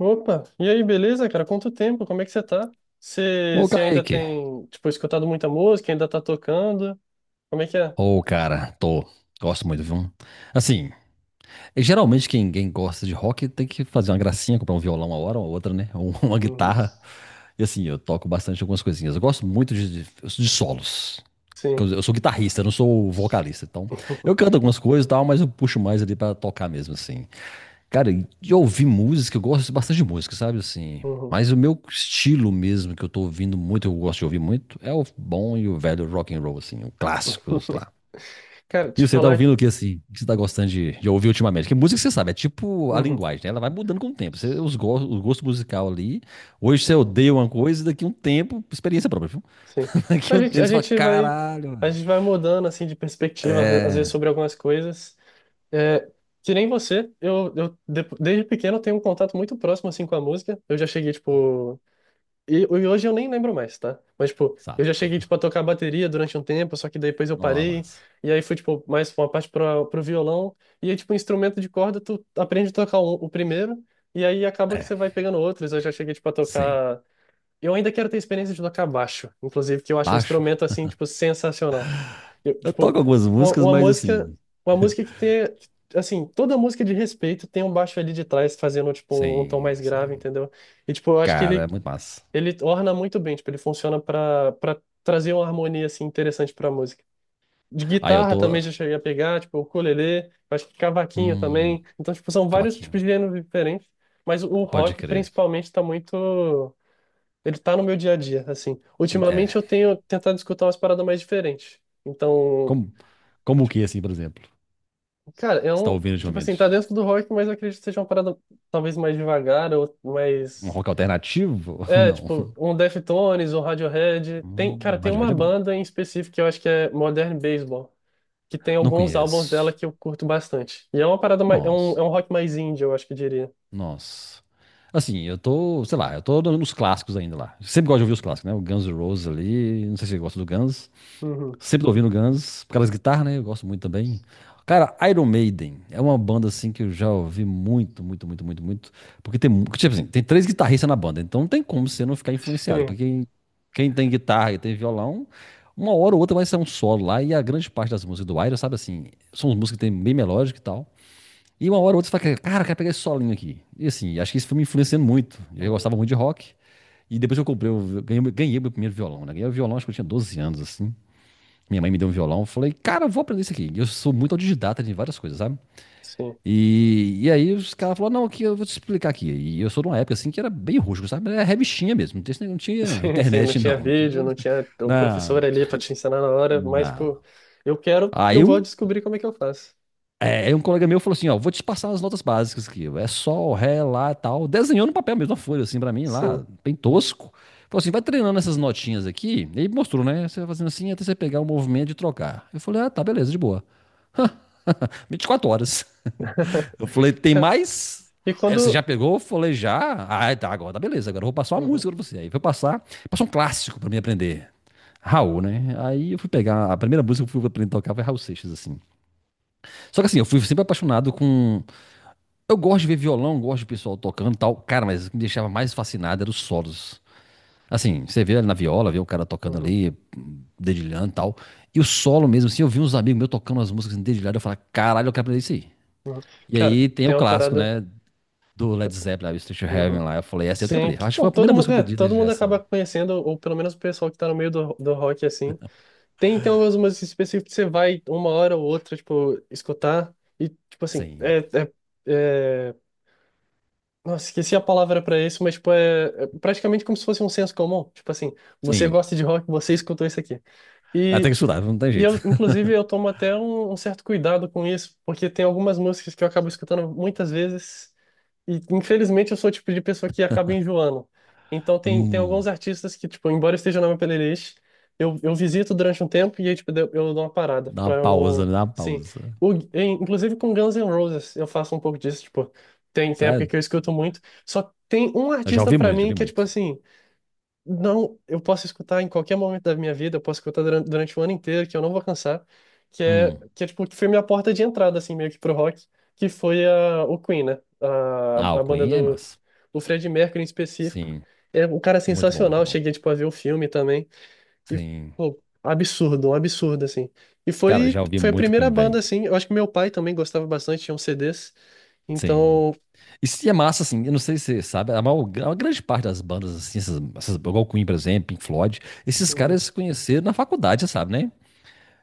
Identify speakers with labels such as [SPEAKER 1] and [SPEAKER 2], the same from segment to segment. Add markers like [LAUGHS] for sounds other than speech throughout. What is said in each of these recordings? [SPEAKER 1] Opa, e aí, beleza, cara? Quanto tempo? Como é que você tá? Você,
[SPEAKER 2] Ô,
[SPEAKER 1] você ainda
[SPEAKER 2] Kaique.
[SPEAKER 1] tem, tipo, escutado muita música, ainda tá tocando? Como é que é?
[SPEAKER 2] Ô, cara, tô. Gosto muito, viu? Assim, geralmente quem gosta de rock tem que fazer uma gracinha, comprar um violão uma hora ou outra, né? Ou [LAUGHS] uma
[SPEAKER 1] Uhum.
[SPEAKER 2] guitarra. E assim, eu toco bastante algumas coisinhas. Eu gosto muito de solos. Eu,
[SPEAKER 1] Sim.
[SPEAKER 2] eu sou guitarrista, eu não sou vocalista. Então, eu canto
[SPEAKER 1] [LAUGHS]
[SPEAKER 2] algumas coisas e tal, mas eu puxo mais ali pra tocar mesmo, assim. Cara, e de ouvir música, eu gosto bastante de música, sabe? Assim.
[SPEAKER 1] Uhum.
[SPEAKER 2] Mas o meu estilo mesmo, que eu tô ouvindo muito, eu gosto de ouvir muito, é o bom e o velho rock and roll, assim, o clássicos lá.
[SPEAKER 1] Cara, te
[SPEAKER 2] E você tá
[SPEAKER 1] falar.
[SPEAKER 2] ouvindo o que assim? O que você tá gostando de ouvir ultimamente? Porque música, você sabe, é tipo a
[SPEAKER 1] Uhum.
[SPEAKER 2] linguagem, né? Ela vai mudando com o tempo. Você, o gosto musical ali. Hoje você
[SPEAKER 1] Uhum.
[SPEAKER 2] odeia uma coisa, e daqui um tempo, experiência própria, viu?
[SPEAKER 1] Sim.
[SPEAKER 2] [LAUGHS] Daqui
[SPEAKER 1] A
[SPEAKER 2] um
[SPEAKER 1] gente, a
[SPEAKER 2] tempo você fala,
[SPEAKER 1] gente vai,
[SPEAKER 2] caralho,
[SPEAKER 1] a
[SPEAKER 2] velho.
[SPEAKER 1] gente vai mudando, assim, de perspectiva, às vezes,
[SPEAKER 2] É.
[SPEAKER 1] sobre algumas coisas. É, que nem você, desde pequeno, eu tenho um contato muito próximo, assim, com a música. Eu já cheguei, tipo, E, e hoje eu nem lembro mais, tá? Mas, tipo, eu
[SPEAKER 2] Nossa,
[SPEAKER 1] já cheguei, tipo, a tocar bateria durante um tempo, só que daí depois eu
[SPEAKER 2] nossa,
[SPEAKER 1] parei.
[SPEAKER 2] mas.
[SPEAKER 1] E aí fui tipo, mais uma parte pro violão. E aí, tipo, instrumento de corda, tu aprende a tocar o primeiro. E aí acaba que
[SPEAKER 2] É,
[SPEAKER 1] você vai pegando outros. Eu já cheguei, tipo, a
[SPEAKER 2] sim.
[SPEAKER 1] tocar... Eu ainda quero ter experiência de tocar baixo. Inclusive, que eu acho um
[SPEAKER 2] Baixo.
[SPEAKER 1] instrumento, assim, tipo, sensacional. Eu,
[SPEAKER 2] Eu
[SPEAKER 1] tipo,
[SPEAKER 2] toco algumas
[SPEAKER 1] uma,
[SPEAKER 2] músicas,
[SPEAKER 1] uma
[SPEAKER 2] mas
[SPEAKER 1] música...
[SPEAKER 2] assim.
[SPEAKER 1] Uma música que tem... Assim, toda música de respeito tem um baixo ali de trás fazendo, tipo, um tom
[SPEAKER 2] Sim,
[SPEAKER 1] mais grave,
[SPEAKER 2] sim.
[SPEAKER 1] entendeu? E, tipo, eu acho que
[SPEAKER 2] Cara,
[SPEAKER 1] ele
[SPEAKER 2] é muito massa.
[SPEAKER 1] ele orna muito bem, tipo, ele funciona pra para trazer uma harmonia assim interessante pra música. De
[SPEAKER 2] Aí eu
[SPEAKER 1] guitarra
[SPEAKER 2] tô.
[SPEAKER 1] também já cheguei a pegar, tipo, ukulele, acho que cavaquinho
[SPEAKER 2] Hum,
[SPEAKER 1] também. Então, tipo, são vários tipos
[SPEAKER 2] cavaquinho.
[SPEAKER 1] de gêneros diferentes, mas o
[SPEAKER 2] Pode
[SPEAKER 1] rock
[SPEAKER 2] crer.
[SPEAKER 1] principalmente tá muito ele tá no meu dia a dia, assim. Ultimamente
[SPEAKER 2] É.
[SPEAKER 1] eu tenho tentado escutar umas paradas mais diferentes. Então,
[SPEAKER 2] Como, como o que, assim, por exemplo?
[SPEAKER 1] cara, é
[SPEAKER 2] Você tá ouvindo
[SPEAKER 1] tipo assim,
[SPEAKER 2] ultimamente?
[SPEAKER 1] tá dentro do rock, mas eu acredito que seja uma parada talvez mais devagar ou
[SPEAKER 2] Um
[SPEAKER 1] mais
[SPEAKER 2] rock alternativo? [LAUGHS]
[SPEAKER 1] É,
[SPEAKER 2] Não.
[SPEAKER 1] tipo, um Deftones, um Radiohead. Tem, cara, tem
[SPEAKER 2] Radiohead
[SPEAKER 1] uma
[SPEAKER 2] é bom.
[SPEAKER 1] banda em específico que eu acho que é Modern Baseball, que tem
[SPEAKER 2] Não
[SPEAKER 1] alguns álbuns dela
[SPEAKER 2] conheço.
[SPEAKER 1] que eu curto bastante. E é uma parada mais, é
[SPEAKER 2] Nossa,
[SPEAKER 1] um rock mais indie, eu acho que eu diria.
[SPEAKER 2] nossa. Assim, eu tô, sei lá, eu tô dando os clássicos ainda lá. Sempre gosto de ouvir os clássicos, né? O Guns N' Roses ali. Não sei se você gosta do Guns.
[SPEAKER 1] Uhum.
[SPEAKER 2] Sempre tô ouvindo Guns, por causa das guitarras, né? Eu gosto muito também. Cara, Iron Maiden é uma banda assim que eu já ouvi muito, muito, muito, muito, muito. Porque tem, tipo assim, tem três guitarristas na banda, então não tem como você não ficar
[SPEAKER 1] [LAUGHS]
[SPEAKER 2] influenciado. Porque
[SPEAKER 1] Sim.
[SPEAKER 2] quem, quem tem guitarra e tem violão, uma hora ou outra vai ser um solo lá. E a grande parte das músicas do Iron, sabe assim, são músicas que tem bem melódica e tal. E uma hora ou outra você fala, cara, eu quero pegar esse solinho aqui. E assim, acho que isso foi me influenciando muito. Eu
[SPEAKER 1] Uhum.
[SPEAKER 2] gostava muito de rock. E depois que eu comprei, eu ganhei, ganhei meu primeiro violão, né? Ganhei o violão, acho que eu tinha 12 anos, assim. Minha mãe me deu um violão, eu falei, cara, eu vou aprender isso aqui. E eu sou muito autodidata de várias coisas, sabe?
[SPEAKER 1] Sim. [LAUGHS]
[SPEAKER 2] E aí os caras falaram, não, aqui eu vou te explicar aqui. E eu sou de uma época assim que era bem rústico, sabe? Era revistinha mesmo, não tinha
[SPEAKER 1] Sim, sim, não
[SPEAKER 2] internet, [LAUGHS]
[SPEAKER 1] tinha
[SPEAKER 2] não.
[SPEAKER 1] vídeo, não tinha o
[SPEAKER 2] Não,
[SPEAKER 1] professor ali pra te ensinar na hora, mas,
[SPEAKER 2] não.
[SPEAKER 1] tipo, eu quero, eu
[SPEAKER 2] Aí um,
[SPEAKER 1] vou descobrir como é que eu faço.
[SPEAKER 2] é, um colega meu falou assim, ó, vou te passar as notas básicas aqui. É sol, ré, lá, tal. Desenhou no papel mesmo, uma folha assim pra mim
[SPEAKER 1] Sim.
[SPEAKER 2] lá, bem tosco. Falou assim, vai treinando essas notinhas aqui. E aí mostrou, né? Você vai fazendo assim até você pegar o movimento de trocar. Eu falei, ah, tá, beleza, de boa. 24 horas. Eu
[SPEAKER 1] [LAUGHS]
[SPEAKER 2] falei, tem mais?
[SPEAKER 1] E
[SPEAKER 2] Aí
[SPEAKER 1] quando.
[SPEAKER 2] você já pegou? Eu falei, já. Ah, tá, agora tá beleza, agora eu vou passar uma
[SPEAKER 1] Uhum,
[SPEAKER 2] música pra você. Aí foi passar, passou um clássico pra mim aprender. Raul, né? Aí eu fui pegar, a primeira música que eu fui aprender a tocar foi Raul Seixas, assim. Só que assim, eu fui sempre apaixonado com... Eu gosto de ver violão, gosto de pessoal tocando e tal. Cara, mas o que me deixava mais fascinado eram os solos. Assim, você vê ali na viola, vê o cara tocando
[SPEAKER 1] uhum,
[SPEAKER 2] ali, dedilhando e tal. E o solo mesmo, assim, eu vi uns amigos meus tocando as músicas assim, dedilhado, eu falava, caralho, eu quero aprender isso aí.
[SPEAKER 1] uhum.
[SPEAKER 2] E
[SPEAKER 1] Cara,
[SPEAKER 2] aí tem
[SPEAKER 1] tem
[SPEAKER 2] o
[SPEAKER 1] uma
[SPEAKER 2] clássico,
[SPEAKER 1] parada.
[SPEAKER 2] né? do Led Zeppelin, lá, o to Heaven
[SPEAKER 1] Uhum.
[SPEAKER 2] lá. Eu falei, essa eu tenho que
[SPEAKER 1] Sim,
[SPEAKER 2] aprender. Eu
[SPEAKER 1] que-
[SPEAKER 2] acho que
[SPEAKER 1] não,
[SPEAKER 2] foi a primeira
[SPEAKER 1] todo mundo,
[SPEAKER 2] música que
[SPEAKER 1] é,
[SPEAKER 2] eu pedi
[SPEAKER 1] todo
[SPEAKER 2] desde já,
[SPEAKER 1] mundo
[SPEAKER 2] assim.
[SPEAKER 1] acaba conhecendo, ou pelo menos o pessoal que tá no meio do rock, assim. Tem, então umas músicas específicas que você vai uma hora ou outra, tipo, escutar, e, tipo assim,
[SPEAKER 2] Sim.
[SPEAKER 1] é- Nossa, esqueci a palavra pra isso, mas, tipo, é praticamente como se fosse um senso comum. Tipo assim, você
[SPEAKER 2] Sim.
[SPEAKER 1] gosta de rock, você escutou isso aqui.
[SPEAKER 2] Ah, tem
[SPEAKER 1] E,
[SPEAKER 2] que estudar, não tem
[SPEAKER 1] e
[SPEAKER 2] jeito.
[SPEAKER 1] eu, inclusive, eu tomo até um certo cuidado com isso, porque tem algumas músicas que eu acabo escutando muitas vezes e, infelizmente, eu sou o tipo de pessoa que acaba enjoando. Então, tem
[SPEAKER 2] Hum,
[SPEAKER 1] alguns artistas que, tipo, embora esteja na minha playlist, eu visito durante um tempo e aí, tipo, eu dou uma parada
[SPEAKER 2] dá uma
[SPEAKER 1] pra eu
[SPEAKER 2] pausa,
[SPEAKER 1] não...
[SPEAKER 2] dá uma
[SPEAKER 1] Sim.
[SPEAKER 2] pausa.
[SPEAKER 1] Inclusive com Guns N' Roses eu faço um pouco disso, tipo, tem época
[SPEAKER 2] Sabe?
[SPEAKER 1] que eu escuto muito. Só tem um
[SPEAKER 2] Eu já
[SPEAKER 1] artista
[SPEAKER 2] ouvi
[SPEAKER 1] pra
[SPEAKER 2] muito, já
[SPEAKER 1] mim
[SPEAKER 2] ouvi
[SPEAKER 1] que é, tipo
[SPEAKER 2] muito.
[SPEAKER 1] assim, não, eu posso escutar em qualquer momento da minha vida, eu posso escutar durante o ano inteiro, que eu não vou cansar,
[SPEAKER 2] Hum.
[SPEAKER 1] que é tipo, que foi minha porta de entrada, assim, meio que pro rock, que foi o Queen, né?
[SPEAKER 2] Ah, o
[SPEAKER 1] A banda
[SPEAKER 2] Queen é massa.
[SPEAKER 1] do Freddie Mercury em específico.
[SPEAKER 2] Sim.
[SPEAKER 1] É um cara
[SPEAKER 2] Muito bom, muito
[SPEAKER 1] sensacional,
[SPEAKER 2] bom.
[SPEAKER 1] cheguei, tipo, a ver o filme também, e,
[SPEAKER 2] Sim.
[SPEAKER 1] pô, absurdo, um absurdo, assim. E
[SPEAKER 2] Cara, já ouvi
[SPEAKER 1] foi a
[SPEAKER 2] muito
[SPEAKER 1] primeira
[SPEAKER 2] Queen,
[SPEAKER 1] banda,
[SPEAKER 2] velho.
[SPEAKER 1] assim, eu acho que meu pai também gostava bastante, tinha uns CDs,
[SPEAKER 2] Sim.
[SPEAKER 1] então...
[SPEAKER 2] E se é massa, assim, eu não sei se você sabe, a maior grande parte das bandas, assim, essas, igual o Queen, por exemplo, Pink Floyd, esses caras se conheceram na faculdade, você sabe, né?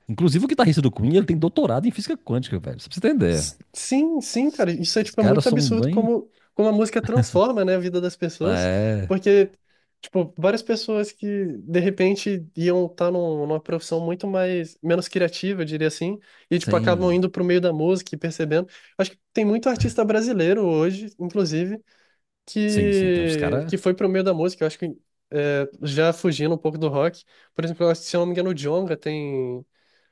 [SPEAKER 2] Inclusive, o guitarrista do Queen, ele tem doutorado em física quântica, velho. Só pra você entender.
[SPEAKER 1] Sim, sim, cara. Isso é,
[SPEAKER 2] Os
[SPEAKER 1] tipo, é
[SPEAKER 2] caras
[SPEAKER 1] muito
[SPEAKER 2] são
[SPEAKER 1] absurdo
[SPEAKER 2] bem.
[SPEAKER 1] como, como a música transforma, né, a vida das pessoas.
[SPEAKER 2] É.
[SPEAKER 1] Porque, tipo, várias pessoas que, de repente, iam estar numa profissão muito mais, menos criativa, eu diria assim, e, tipo, acabam
[SPEAKER 2] Sim.
[SPEAKER 1] indo pro meio da música e percebendo. Acho que tem muito artista brasileiro hoje, inclusive,
[SPEAKER 2] Sim, sim. Tem uns caras.
[SPEAKER 1] que foi pro meio da música. Eu acho que, é, já fugindo um pouco do rock. Por exemplo, eu acho que, se eu não me engano, o Djonga tem...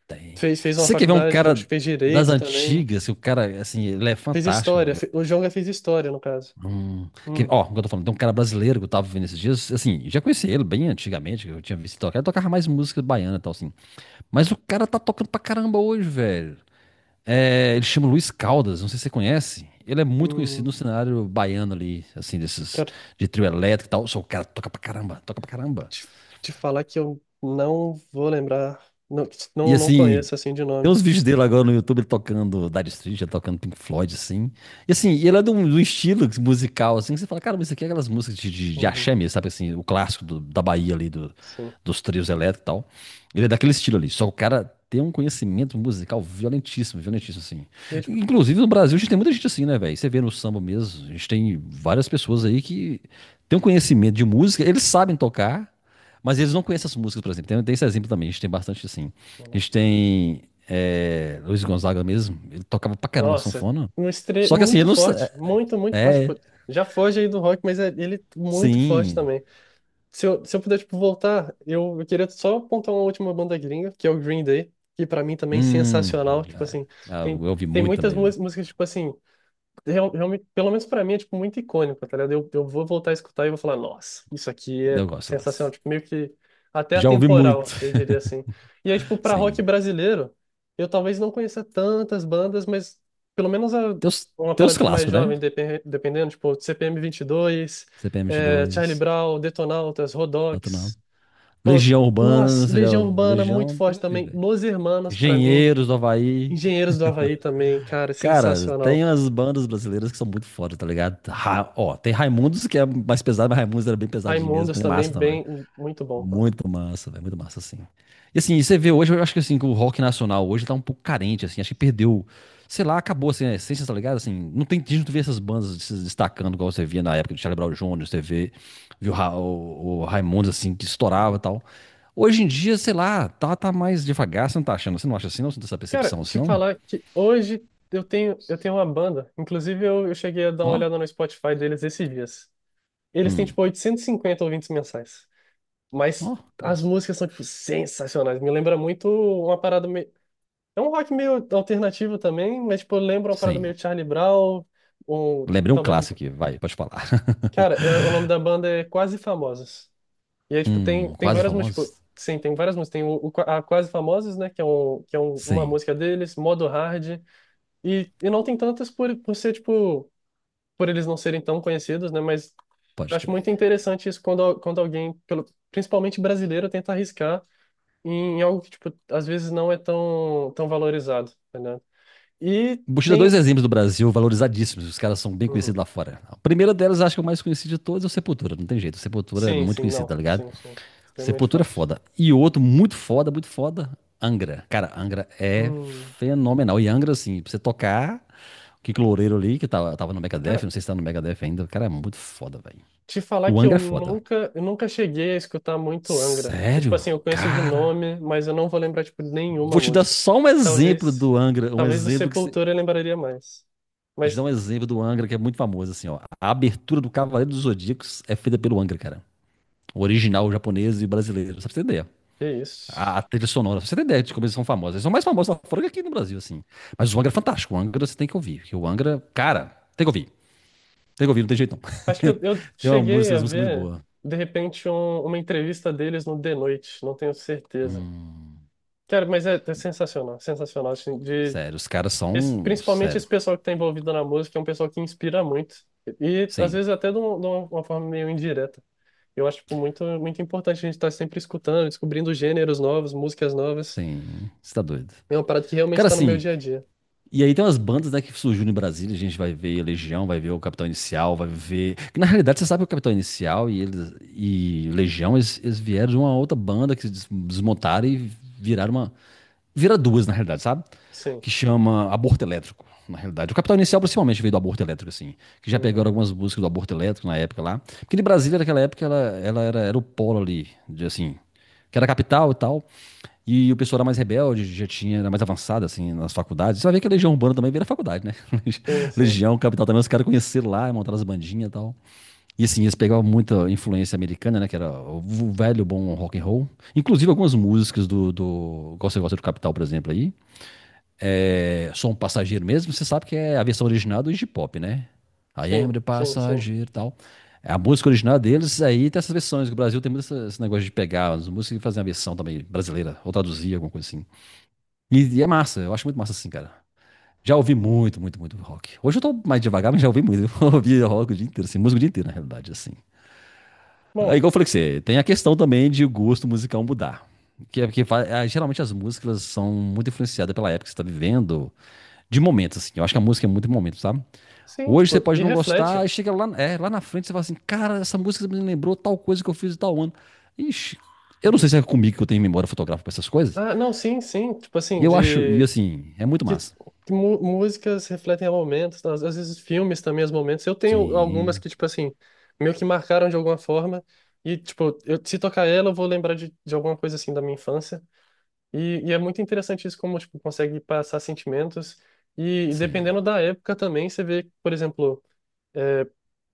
[SPEAKER 2] Tem.
[SPEAKER 1] Fez
[SPEAKER 2] Se
[SPEAKER 1] uma
[SPEAKER 2] você quer ver um
[SPEAKER 1] faculdade, acho
[SPEAKER 2] cara
[SPEAKER 1] que fez
[SPEAKER 2] das
[SPEAKER 1] direito também.
[SPEAKER 2] antigas, que o cara, assim, ele é
[SPEAKER 1] Fez
[SPEAKER 2] fantástico,
[SPEAKER 1] história.
[SPEAKER 2] velho.
[SPEAKER 1] O Jonga fez história, no caso.
[SPEAKER 2] Que,
[SPEAKER 1] Hum,
[SPEAKER 2] ó, como eu tô falando, tem um cara brasileiro que eu tava vendo esses dias, assim, eu já conheci ele bem antigamente, que eu tinha visto ele tocar, ele tocava mais música baiana e tal, assim. Mas o cara tá tocando pra caramba hoje, velho. É, ele chama Luiz Caldas, não sei se você conhece. Ele é muito conhecido
[SPEAKER 1] hum,
[SPEAKER 2] no cenário baiano ali, assim, desses
[SPEAKER 1] quero
[SPEAKER 2] de trio elétrico e tal. Só o cara toca pra caramba, toca pra caramba.
[SPEAKER 1] te, te falar que eu não vou lembrar. Não,
[SPEAKER 2] E
[SPEAKER 1] não, não
[SPEAKER 2] assim,
[SPEAKER 1] conheço assim de
[SPEAKER 2] tem
[SPEAKER 1] nome.
[SPEAKER 2] uns vídeos dele agora no YouTube, ele tocando Dire Straits, ele tocando Pink Floyd, assim. E assim, ele é de um estilo musical, assim, que você fala, cara, mas isso aqui é aquelas músicas de
[SPEAKER 1] Uhum,
[SPEAKER 2] axé mesmo, sabe? Assim, o clássico da Bahia ali,
[SPEAKER 1] sim.
[SPEAKER 2] dos trios elétricos e tal. Ele é daquele estilo ali, só que o cara tem um conhecimento musical violentíssimo, violentíssimo, assim.
[SPEAKER 1] E eu, tipo,
[SPEAKER 2] Inclusive, no Brasil, a gente tem muita gente assim, né, velho? Você vê no samba mesmo, a gente tem várias pessoas aí que têm um conhecimento de música, eles sabem tocar, mas eles não conhecem as músicas, por exemplo. Tem esse exemplo também, a gente tem bastante assim. A
[SPEAKER 1] uhum.
[SPEAKER 2] gente tem é, Luiz Gonzaga mesmo, ele tocava pra caramba a
[SPEAKER 1] Nossa,
[SPEAKER 2] sanfona.
[SPEAKER 1] um estre...
[SPEAKER 2] Só que assim, ele
[SPEAKER 1] muito
[SPEAKER 2] não sei.
[SPEAKER 1] forte. Muito, muito forte.
[SPEAKER 2] É, é,
[SPEAKER 1] Pô, já foge aí do rock, mas ele é muito forte
[SPEAKER 2] sim.
[SPEAKER 1] também. Se se eu puder, tipo, voltar, eu queria só apontar uma última banda gringa, que é o Green Day, que pra mim também é
[SPEAKER 2] Hum,
[SPEAKER 1] sensacional. Tipo
[SPEAKER 2] já,
[SPEAKER 1] assim,
[SPEAKER 2] já eu
[SPEAKER 1] tem,
[SPEAKER 2] ouvi
[SPEAKER 1] tem
[SPEAKER 2] muito
[SPEAKER 1] muitas
[SPEAKER 2] também, viu?
[SPEAKER 1] músicas, tipo assim. Realmente, pelo menos pra mim, é tipo muito icônico, tá ligado? Eu vou voltar a escutar e vou falar, nossa, isso aqui é
[SPEAKER 2] Eu gosto, eu
[SPEAKER 1] sensacional,
[SPEAKER 2] gosto.
[SPEAKER 1] tipo meio que até
[SPEAKER 2] Já ouvi muito.
[SPEAKER 1] atemporal, eu diria
[SPEAKER 2] [LAUGHS]
[SPEAKER 1] assim. E aí, tipo, pra rock
[SPEAKER 2] Sim.
[SPEAKER 1] brasileiro, eu talvez não conheça tantas bandas, mas pelo menos
[SPEAKER 2] Tem os,
[SPEAKER 1] uma
[SPEAKER 2] tem
[SPEAKER 1] parada
[SPEAKER 2] os
[SPEAKER 1] tipo, mais
[SPEAKER 2] clássicos, né?
[SPEAKER 1] jovem, dependendo, tipo CPM 22,
[SPEAKER 2] cpm
[SPEAKER 1] é, Charlie
[SPEAKER 2] dois,
[SPEAKER 1] Brown, Detonautas,
[SPEAKER 2] tanto não.
[SPEAKER 1] Rodox. Pô,
[SPEAKER 2] Legião Urbana,
[SPEAKER 1] nossa,
[SPEAKER 2] você já
[SPEAKER 1] Legião
[SPEAKER 2] ouviu?
[SPEAKER 1] Urbana muito
[SPEAKER 2] Legião, tem
[SPEAKER 1] forte
[SPEAKER 2] que ouvir,
[SPEAKER 1] também,
[SPEAKER 2] velho.
[SPEAKER 1] Los Hermanos pra mim,
[SPEAKER 2] Engenheiros do Havaí.
[SPEAKER 1] Engenheiros do Havaí também, cara,
[SPEAKER 2] Cara,
[SPEAKER 1] sensacional.
[SPEAKER 2] tem umas bandas brasileiras que são muito foda, tá ligado? Ó, tem Raimundos, que é mais pesado, mas Raimundos era bem pesadinho mesmo,
[SPEAKER 1] Raimundos
[SPEAKER 2] mas é
[SPEAKER 1] também,
[SPEAKER 2] massa também.
[SPEAKER 1] bem, muito bom, pô.
[SPEAKER 2] Muito massa, velho, muito massa, assim. E assim, e você vê hoje, eu acho que assim, que o rock nacional hoje tá um pouco carente, assim, acho que perdeu, sei lá, acabou assim, a essência, tá ligado? Assim, não tem, a gente não vê essas bandas se destacando igual você via na época do Charlie Brown Jr., você vê, viu o Raimundos, assim, que estourava e
[SPEAKER 1] Uhum.
[SPEAKER 2] tal. Hoje em dia, sei lá, tá, tá mais devagar, você não tá achando, você não acha assim, não? Você não tem essa
[SPEAKER 1] Cara,
[SPEAKER 2] percepção assim,
[SPEAKER 1] te
[SPEAKER 2] não?
[SPEAKER 1] falar que hoje eu tenho uma banda. Inclusive, eu cheguei a dar uma
[SPEAKER 2] Ó,
[SPEAKER 1] olhada no Spotify deles esses dias. Eles têm,
[SPEAKER 2] hum,
[SPEAKER 1] tipo, 850 ouvintes mensais.
[SPEAKER 2] ó,
[SPEAKER 1] Mas as
[SPEAKER 2] nossa.
[SPEAKER 1] músicas são, tipo, sensacionais. Me lembra muito uma parada meio. É um rock meio alternativo também, mas, tipo, lembra uma parada
[SPEAKER 2] Sim,
[SPEAKER 1] meio Charlie Brown, ou
[SPEAKER 2] lembrei um
[SPEAKER 1] talvez um.
[SPEAKER 2] clássico aqui, vai, pode falar.
[SPEAKER 1] Cara, o nome
[SPEAKER 2] [LAUGHS]
[SPEAKER 1] da banda é Quase Famosas. E aí, tipo, tem
[SPEAKER 2] Quase
[SPEAKER 1] várias músicas. Tipo,
[SPEAKER 2] famosos?
[SPEAKER 1] sim, tem várias músicas. Tem o a Quase Famosas, né? Que é, um, que é uma
[SPEAKER 2] Sim,
[SPEAKER 1] música deles, Modo Hard. E não tem tantas por ser, tipo, por eles não serem tão conhecidos, né? Mas eu
[SPEAKER 2] pode
[SPEAKER 1] acho
[SPEAKER 2] crer.
[SPEAKER 1] muito interessante isso quando, quando alguém, pelo, principalmente brasileiro, tenta arriscar. Em algo que, tipo, às vezes não é tão valorizado, tá ligado? E
[SPEAKER 2] Vou te dar dois
[SPEAKER 1] tem...
[SPEAKER 2] exemplos do Brasil valorizadíssimos, os caras são bem conhecidos
[SPEAKER 1] Uhum.
[SPEAKER 2] lá fora. A primeira delas, acho que é o mais conhecido de todos, é o Sepultura, não tem jeito. O Sepultura é
[SPEAKER 1] Sim,
[SPEAKER 2] muito
[SPEAKER 1] sim,
[SPEAKER 2] conhecido, tá
[SPEAKER 1] não.
[SPEAKER 2] ligado?
[SPEAKER 1] Sim, sim. Extremamente
[SPEAKER 2] Sepultura é
[SPEAKER 1] forte.
[SPEAKER 2] foda. E outro muito foda, Angra. Cara, Angra é
[SPEAKER 1] Hum.
[SPEAKER 2] fenomenal. E Angra, assim, pra você tocar, o Kiko Loureiro ali, que tava no Megadeth, não
[SPEAKER 1] Cara,
[SPEAKER 2] sei se tá no Megadeth ainda, o cara é muito foda, velho.
[SPEAKER 1] te falar
[SPEAKER 2] O
[SPEAKER 1] que
[SPEAKER 2] Angra é foda.
[SPEAKER 1] eu nunca cheguei a escutar muito Angra. Eu, tipo
[SPEAKER 2] Sério?
[SPEAKER 1] assim, eu conheço de
[SPEAKER 2] Cara.
[SPEAKER 1] nome, mas eu não vou lembrar, tipo, nenhuma
[SPEAKER 2] Vou te dar
[SPEAKER 1] música.
[SPEAKER 2] só um exemplo
[SPEAKER 1] Talvez,
[SPEAKER 2] do Angra, um
[SPEAKER 1] talvez do
[SPEAKER 2] exemplo que
[SPEAKER 1] Sepultura eu lembraria mais.
[SPEAKER 2] vou te
[SPEAKER 1] Mas,
[SPEAKER 2] dar um exemplo do Angra que é muito famoso, assim, ó. A abertura do Cavaleiro dos Zodíacos é feita pelo Angra, cara. O original japonês e brasileiro, só pra você ter ideia.
[SPEAKER 1] que isso.
[SPEAKER 2] A trilha sonora, pra você ter ideia de como eles são famosos. Eles são mais famosos lá fora que aqui no Brasil, assim. Mas o Angra é fantástico. O Angra você tem que ouvir. Porque o Angra, cara, tem que ouvir. Tem que ouvir, não tem jeito
[SPEAKER 1] Acho que
[SPEAKER 2] não.
[SPEAKER 1] eu
[SPEAKER 2] [LAUGHS] Tem
[SPEAKER 1] cheguei a
[SPEAKER 2] uma música muito
[SPEAKER 1] ver,
[SPEAKER 2] boa.
[SPEAKER 1] de repente, uma entrevista deles no The Noite, não tenho certeza.
[SPEAKER 2] Hum,
[SPEAKER 1] Cara, mas é, é sensacional, sensacional, assim, de,
[SPEAKER 2] sério, os caras são.
[SPEAKER 1] principalmente
[SPEAKER 2] Sério.
[SPEAKER 1] esse pessoal que está envolvido na música, é um pessoal que inspira muito, e às
[SPEAKER 2] Sim.
[SPEAKER 1] vezes até de uma forma meio indireta. Eu acho, tipo, muito, muito importante a gente estar sempre escutando, descobrindo gêneros novos, músicas novas,
[SPEAKER 2] Sim. Você tá doido.
[SPEAKER 1] é uma parada que realmente
[SPEAKER 2] Cara,
[SPEAKER 1] está no meu
[SPEAKER 2] assim,
[SPEAKER 1] dia a dia.
[SPEAKER 2] e aí tem umas bandas, né, que surgiu no Brasil, a gente vai ver Legião, vai ver o Capitão Inicial, vai ver... Que na realidade, você sabe que o Capitão Inicial e, eles, e Legião, eles vieram de uma outra banda que se desmontaram e viraram uma, vira duas, na realidade, sabe?
[SPEAKER 1] Sim,
[SPEAKER 2] Que chama Aborto Elétrico, na realidade. O Capital Inicial, principalmente, veio do Aborto Elétrico, assim. Que já pegaram
[SPEAKER 1] uhum.
[SPEAKER 2] algumas músicas do Aborto Elétrico na época lá. Porque de Brasília, naquela época, ela era, era o polo ali, de, assim, que era a capital e tal. E o pessoal era mais rebelde, já tinha, era mais avançado, assim, nas faculdades. Você vai ver que a Legião Urbana também veio da faculdade, né? [LAUGHS]
[SPEAKER 1] Sim, sim,
[SPEAKER 2] Legião, Capital também, os caras conheceram lá, montaram as bandinhas e tal. E assim, eles pegavam muita influência americana, né? Que era o velho bom rock and roll. Inclusive algumas músicas do Gosta Gosta do Capital, por exemplo, aí. É, Sou um passageiro mesmo, você sabe que é a versão original do Iggy Pop, né? I am the
[SPEAKER 1] sim.
[SPEAKER 2] passageiro e tal. A música original deles aí tem essas versões. Que o Brasil tem muito esse negócio de pegar as músicas e fazer uma versão também brasileira, ou traduzir, alguma coisa assim. E é massa, eu acho muito massa assim, cara. Já ouvi
[SPEAKER 1] Uhum.
[SPEAKER 2] muito, muito, muito rock. Hoje eu tô mais devagar, mas já ouvi muito. [LAUGHS] Eu ouvi
[SPEAKER 1] Uhum.
[SPEAKER 2] rock o dia inteiro, assim, música o dia inteiro, na realidade, assim. É
[SPEAKER 1] Bom,
[SPEAKER 2] igual eu falei que você, tem a questão também de o gosto musical mudar. Que é porque geralmente as músicas elas são muito influenciadas pela época que você está vivendo, de momentos, assim. Eu acho que a música é muito de momento, sabe?
[SPEAKER 1] sim,
[SPEAKER 2] Hoje você
[SPEAKER 1] tipo,
[SPEAKER 2] pode
[SPEAKER 1] e
[SPEAKER 2] não gostar,
[SPEAKER 1] reflete.
[SPEAKER 2] e chega lá, é, lá na frente você fala assim: Cara, essa música me lembrou tal coisa que eu fiz em tal ano. Ixi, eu não sei
[SPEAKER 1] Uhum.
[SPEAKER 2] se é comigo que eu tenho memória fotográfica para essas coisas.
[SPEAKER 1] Ah, não, sim, sim, tipo
[SPEAKER 2] E
[SPEAKER 1] assim,
[SPEAKER 2] eu acho, e
[SPEAKER 1] de
[SPEAKER 2] assim, é muito
[SPEAKER 1] que,
[SPEAKER 2] massa.
[SPEAKER 1] que músicas refletem momentos, tá? Às às vezes filmes também, os momentos. Eu tenho algumas
[SPEAKER 2] Sim,
[SPEAKER 1] que, tipo assim, meio que marcaram de alguma forma. E, tipo, eu, se tocar ela, eu vou lembrar de alguma coisa assim da minha infância. E é muito interessante isso, como, tipo, consegue passar sentimentos. E,
[SPEAKER 2] sim.
[SPEAKER 1] dependendo da época também, você vê, por exemplo,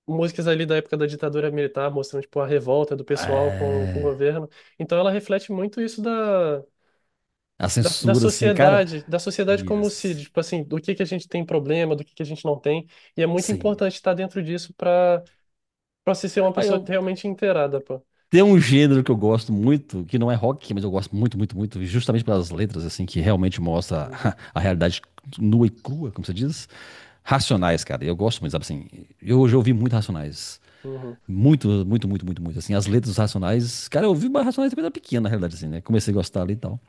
[SPEAKER 1] músicas ali da época da ditadura militar, mostrando, tipo, a revolta do pessoal com o
[SPEAKER 2] É,
[SPEAKER 1] governo. Então ela reflete muito isso da
[SPEAKER 2] a censura, assim, cara.
[SPEAKER 1] da sociedade como se,
[SPEAKER 2] Yes.
[SPEAKER 1] tipo assim, do que a gente tem problema, do que a gente não tem, e é muito
[SPEAKER 2] Sim.
[SPEAKER 1] importante estar dentro disso para para se ser uma
[SPEAKER 2] Aí
[SPEAKER 1] pessoa
[SPEAKER 2] eu,
[SPEAKER 1] realmente inteirada, pô.
[SPEAKER 2] tem um gênero que eu gosto muito, que não é rock, mas eu gosto muito, muito, muito, justamente pelas letras, assim, que realmente mostra [LAUGHS]
[SPEAKER 1] Uhum,
[SPEAKER 2] a realidade nua e crua, como você diz. Racionais, cara. Eu gosto muito, sabe assim? Eu já ouvi muito Racionais.
[SPEAKER 1] uhum,
[SPEAKER 2] Muito, muito, muito, muito, muito. Assim, as letras dos Racionais. Cara, eu ouvi mais Racionais quando era pequena, na realidade, assim, né? Comecei a gostar ali e tal.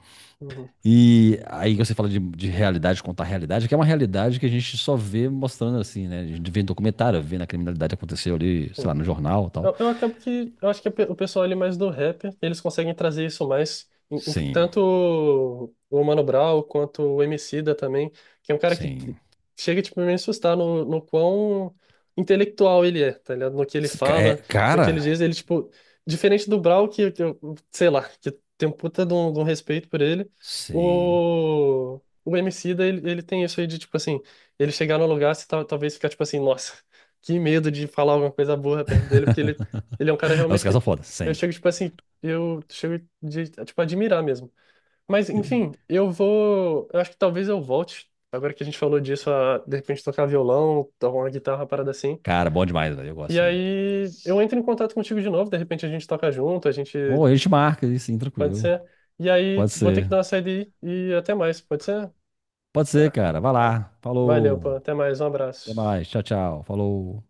[SPEAKER 1] uhum,
[SPEAKER 2] E aí você fala de realidade, contar realidade, que é uma realidade que a gente só vê mostrando, assim, né? A gente vê em documentário, vê na criminalidade que aconteceu ali, sei lá,
[SPEAKER 1] sim.
[SPEAKER 2] no jornal e tal.
[SPEAKER 1] Eu acabo que. Eu acho que o pessoal ali mais do rap, eles conseguem trazer isso mais.
[SPEAKER 2] Sim,
[SPEAKER 1] Tanto o Mano Brown quanto o Emicida também, que é um cara que
[SPEAKER 2] sim.
[SPEAKER 1] chega, tipo, a me assustar no quão intelectual ele é, tá ligado? No que ele
[SPEAKER 2] Se ca- É,
[SPEAKER 1] fala, no que ele diz,
[SPEAKER 2] cara,
[SPEAKER 1] ele, tipo, diferente do Brown, sei lá, que tem um puta de de um respeito por ele,
[SPEAKER 2] sim.
[SPEAKER 1] o Emicida, ele tem isso aí de, tipo, assim, ele chegar no lugar, você talvez ficar, tipo assim, nossa que medo de falar alguma coisa burra perto dele, porque ele é um cara
[SPEAKER 2] [LAUGHS] Os
[SPEAKER 1] realmente
[SPEAKER 2] caras
[SPEAKER 1] que
[SPEAKER 2] são foda,
[SPEAKER 1] eu
[SPEAKER 2] sim.
[SPEAKER 1] chego, tipo assim, eu chego de, tipo, admirar mesmo. Mas, enfim, eu vou. Eu acho que talvez eu volte, agora que a gente falou disso, a de repente tocar violão, tocar uma guitarra, uma parada assim.
[SPEAKER 2] Cara, bom demais, velho. Eu
[SPEAKER 1] E
[SPEAKER 2] gosto.
[SPEAKER 1] aí eu entro em contato contigo de novo, de repente a gente toca junto, a gente.
[SPEAKER 2] Ou a gente marca aí, sim,
[SPEAKER 1] Pode
[SPEAKER 2] tranquilo.
[SPEAKER 1] ser. E aí
[SPEAKER 2] Pode
[SPEAKER 1] vou ter que
[SPEAKER 2] ser.
[SPEAKER 1] dar uma saída aí, e até mais, pode ser?
[SPEAKER 2] Pode ser,
[SPEAKER 1] Tá.
[SPEAKER 2] cara. Vai
[SPEAKER 1] Tá.
[SPEAKER 2] lá.
[SPEAKER 1] Valeu, pô.
[SPEAKER 2] Falou.
[SPEAKER 1] Até mais, um
[SPEAKER 2] Até
[SPEAKER 1] abraço.
[SPEAKER 2] mais. Tchau, tchau. Falou.